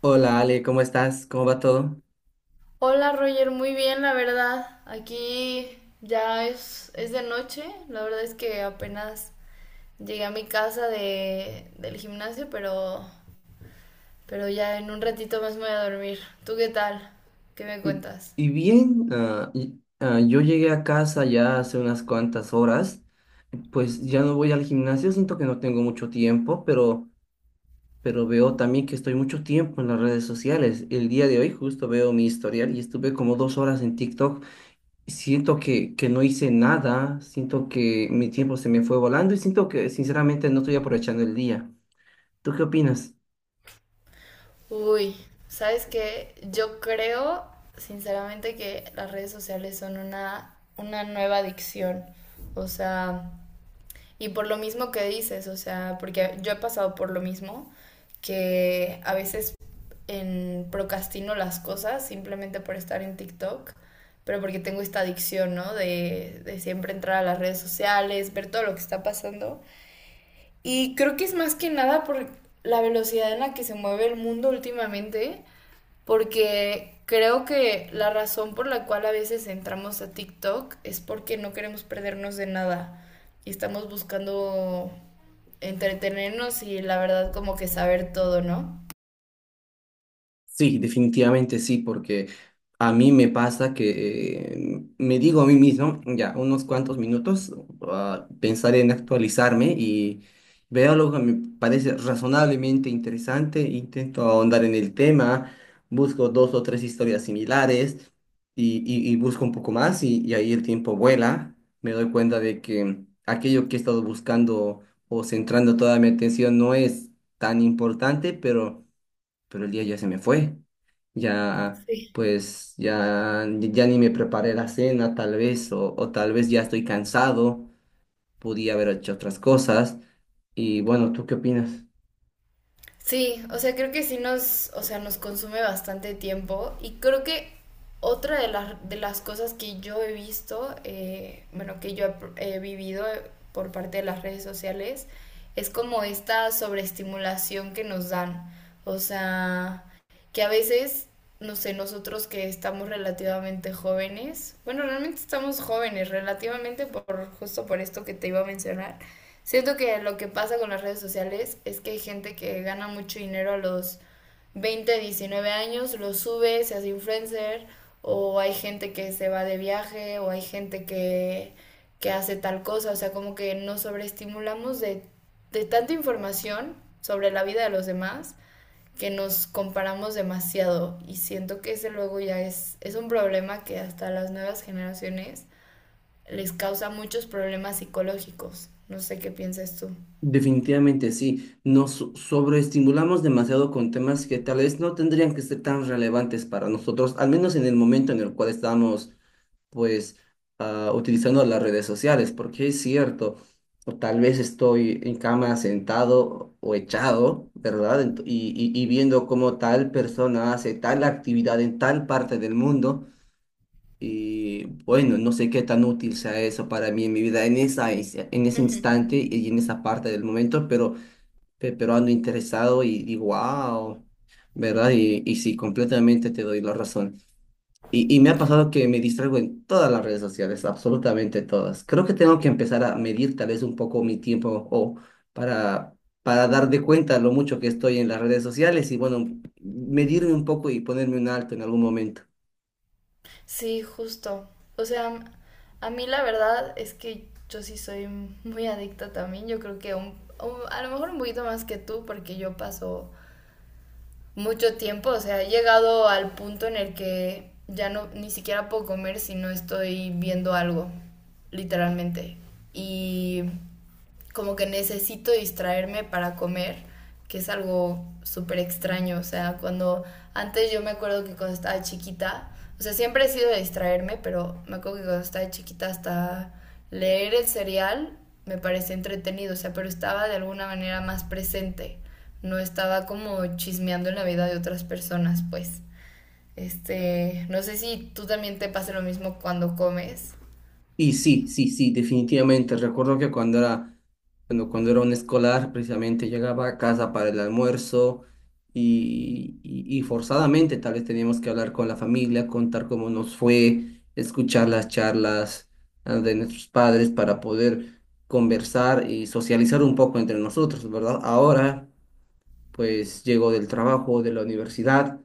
Hola Ale, ¿cómo estás? ¿Cómo va todo? Hola Roger, muy bien, la verdad. Aquí ya es de noche. La verdad es que apenas llegué a mi casa del gimnasio, pero ya en un ratito más me voy a dormir. ¿Tú qué tal? ¿Qué me Mm. cuentas? Y bien, ah, y- ah, Yo llegué a casa ya hace unas cuantas horas, pues ya no voy al gimnasio, siento que no tengo mucho tiempo, pero veo también que estoy mucho tiempo en las redes sociales. El día de hoy justo veo mi historial y estuve como dos horas en TikTok. Siento que no hice nada, siento que mi tiempo se me fue volando y siento que sinceramente no estoy aprovechando el día. ¿Tú qué opinas? Uy, ¿Sabes qué? Yo creo, sinceramente, que las redes sociales son una nueva adicción. O sea, y por lo mismo que dices, o sea, porque yo he pasado por lo mismo, que a veces procrastino las cosas simplemente por estar en TikTok, pero porque tengo esta adicción, ¿no? De siempre entrar a las redes sociales, ver todo lo que está pasando. Y creo que es más que nada por la velocidad en la que se mueve el mundo últimamente porque creo que la razón por la cual a veces entramos a TikTok es porque no queremos perdernos de nada y estamos buscando entretenernos y la verdad como que saber todo, ¿no? Sí, definitivamente sí, porque a mí me pasa que me digo a mí mismo, ya, unos cuantos minutos, pensaré en actualizarme y veo algo que me parece razonablemente interesante, intento ahondar en el tema, busco dos o tres historias similares y busco un poco más y ahí el tiempo vuela, me doy cuenta de que aquello que he estado buscando o centrando toda mi atención no es tan importante, pero el día ya se me fue. Ya, Sí. pues, ya ni me preparé la cena, tal vez, o tal vez ya estoy cansado, podía haber hecho otras cosas. Y bueno, ¿tú qué opinas? Sí, o sea, creo que sí nos, o sea, nos consume bastante tiempo y creo que otra de las cosas que yo he visto, bueno, que he vivido por parte de las redes sociales, es como esta sobreestimulación que nos dan. O sea, que a veces, no sé, nosotros que estamos relativamente jóvenes, bueno, realmente estamos jóvenes, relativamente por justo por esto que te iba a mencionar, siento que lo que pasa con las redes sociales es que hay gente que gana mucho dinero a los 20, 19 años, lo sube, se hace influencer, o hay gente que se va de viaje, o hay que hace tal cosa, o sea, como que nos sobreestimulamos de tanta información sobre la vida de los demás que nos comparamos demasiado y siento que ese luego ya es un problema que hasta las nuevas generaciones les causa muchos problemas psicológicos. No sé qué piensas tú. Definitivamente sí, sobreestimulamos demasiado con temas que tal vez no tendrían que ser tan relevantes para nosotros, al menos en el momento en el cual estamos pues utilizando las redes sociales, porque es cierto, o tal vez estoy en cama sentado o echado, ¿verdad? Y viendo cómo tal persona hace tal actividad en tal parte del mundo y bueno, no sé qué tan útil sea eso para mí en mi vida en en ese Ujú. instante y en esa parte del momento, pero ando interesado y wow, ¿verdad? Y sí, completamente te doy la razón. Y me ha pasado que me distraigo en todas las redes sociales, absolutamente todas. Creo que tengo que empezar a medir tal vez un poco mi tiempo o para, para dar de cuenta lo mucho que estoy en las redes sociales y bueno, medirme un poco y ponerme un alto en algún momento. Sí, justo. O sea, a mí la verdad es que yo sí soy muy adicta también. Yo creo que a lo mejor un poquito más que tú, porque yo paso mucho tiempo, o sea, he llegado al punto en el que ya no ni siquiera puedo comer si no estoy viendo algo, literalmente. Y como que necesito distraerme para comer, que es algo súper extraño, o sea, cuando antes yo me acuerdo que cuando estaba chiquita, o sea, siempre he sido de distraerme, pero me acuerdo que cuando estaba chiquita hasta leer el cereal me parecía entretenido, o sea, pero estaba de alguna manera más presente no estaba como chismeando en la vida de otras personas, pues. Este, no sé si tú también te pasa lo mismo cuando comes. Y sí, sí, sí, definitivamente. Recuerdo que cuando era, cuando era un escolar, precisamente llegaba a casa para el almuerzo y forzadamente tal vez teníamos que hablar con la familia, contar cómo nos fue, escuchar las charlas de nuestros padres para poder conversar y socializar un poco entre nosotros, ¿verdad? Ahora, pues llego del trabajo, de la universidad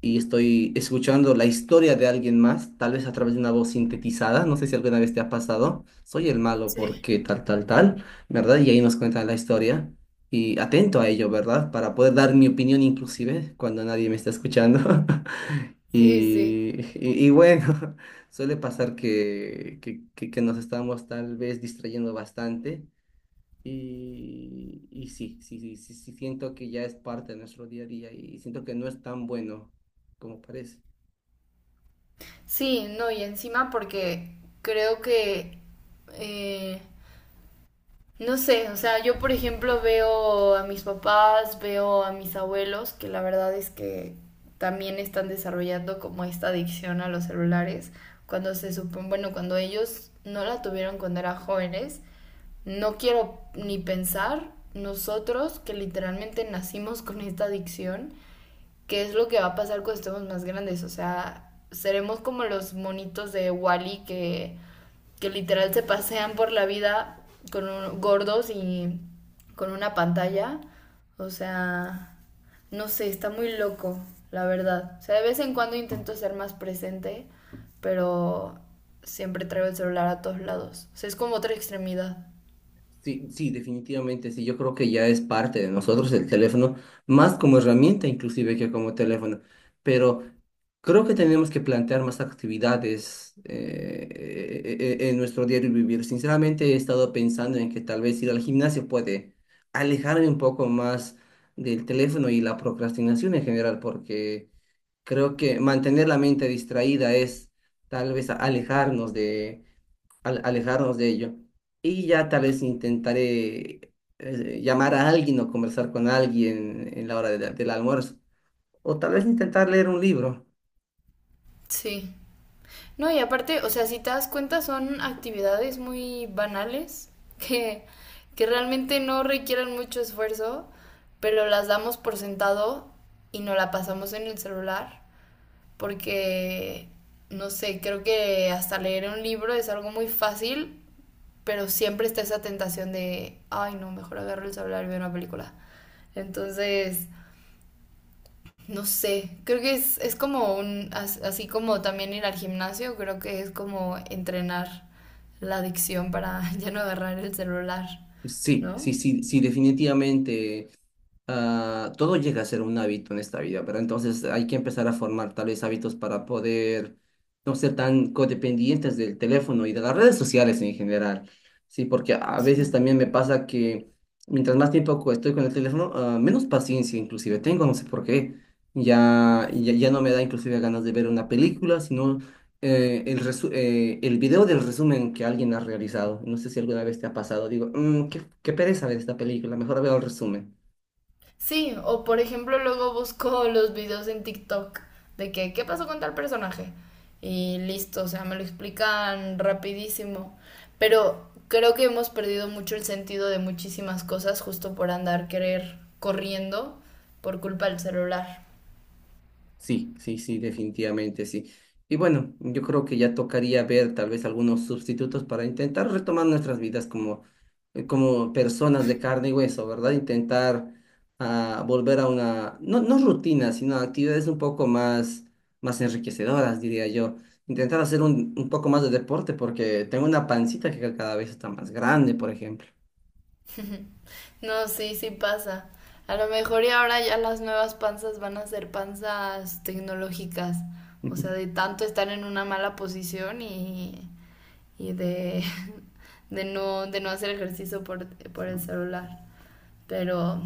y estoy escuchando la historia de alguien más, tal vez a través de una voz sintetizada, no sé si alguna vez te ha pasado, soy el malo Sí, porque tal, tal, tal, ¿verdad? Y ahí nos cuentan la historia y atento a ello, ¿verdad? Para poder dar mi opinión inclusive cuando nadie me está escuchando. sí, sí. Y bueno, suele pasar que nos estamos tal vez distrayendo bastante. Y sí, sí, sí, sí, sí, siento que ya es parte de nuestro día a día y siento que no es tan bueno como parece. Sí, no, y encima porque creo que, eh, no sé, o sea, yo por ejemplo veo a mis papás, veo a mis abuelos, que la verdad es que también están desarrollando como esta adicción a los celulares, cuando se supone, bueno, cuando ellos no la tuvieron cuando eran jóvenes, no quiero ni pensar nosotros que literalmente nacimos con esta adicción, qué es lo que va a pasar cuando estemos más grandes. O sea, seremos como los monitos de Wall-E que literal se pasean por la vida con un- gordos y con una pantalla. O sea, no sé, está muy loco, la verdad. O sea, de vez en cuando intento ser más presente, pero siempre traigo el celular a todos lados. O sea, es como otra extremidad. Sí, sí, definitivamente, sí, yo creo que ya es parte de nosotros el teléfono, más como herramienta inclusive que como teléfono, pero creo que tenemos que plantear más actividades en nuestro diario vivir. Sinceramente he estado pensando en que tal vez ir al gimnasio puede alejarme un poco más del teléfono y la procrastinación en general, porque... Creo que mantener la mente distraída es tal vez alejarnos de ello. Y ya tal vez intentaré llamar a alguien o conversar con alguien en la hora de del almuerzo. O tal vez intentar leer un libro. Sí. No, y aparte, o sea, si te das cuenta, son actividades muy banales que, que realmente no requieren mucho esfuerzo, pero las damos por sentado y no la pasamos en el celular porque, no sé, creo que hasta leer un libro es algo muy fácil, pero siempre está esa tentación de, ay, no, mejor agarro el celular y veo una película. Entonces, no sé, creo que es como un, as- así como también ir al gimnasio, creo que es como entrenar la adicción para ya no agarrar el celular, Sí, ¿no? sí, sí, sí, definitivamente. Todo llega a ser un hábito en esta vida, ¿verdad? Entonces hay que empezar a formar tal vez hábitos para poder no ser tan codependientes del teléfono y de las redes sociales en general. Sí, porque a veces Sí. también me pasa que mientras más tiempo estoy con el teléfono, menos paciencia inclusive tengo, no sé por qué. Ya, ya, ya no me da inclusive ganas de ver una película, sino el video del resumen que alguien ha realizado. No sé si alguna vez te ha pasado. Digo, "Mm, qué pereza ver esta película, mejor veo el resumen". Sí, o por ejemplo luego busco los videos en TikTok de que, ¿qué pasó con tal personaje? Y listo, o sea, me lo explican rapidísimo. Pero creo que hemos perdido mucho el sentido de muchísimas cosas justo por andar querer corriendo por culpa del celular. Sí, sí, sí, definitivamente sí. Y bueno, yo creo que ya tocaría ver tal vez algunos sustitutos para intentar retomar nuestras vidas como, como personas de carne y hueso, ¿verdad? Intentar volver a una, no, no rutina, sino actividades un poco más, más enriquecedoras, diría yo. Intentar hacer un poco más de deporte porque tengo una pancita que cada vez está más grande, por ejemplo. No, sí, sí pasa. A lo mejor y ahora ya las nuevas panzas van a ser panzas tecnológicas. O sea, de tanto estar en una mala posición y de, de no hacer ejercicio por el celular. Pero,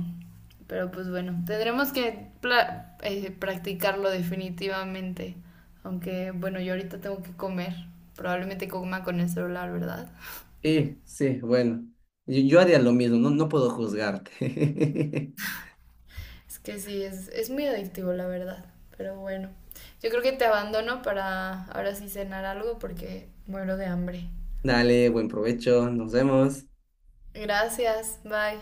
pero pues bueno, tendremos que practicarlo definitivamente. Aunque bueno, yo ahorita tengo que comer. Probablemente coma con el celular, ¿verdad? Y sí, bueno, yo haría lo mismo, no, no puedo juzgarte. Es que sí, es muy adictivo, la verdad. Pero bueno, yo creo que te abandono para ahora sí cenar algo porque muero de hambre. Dale, buen provecho, nos vemos. Gracias, bye.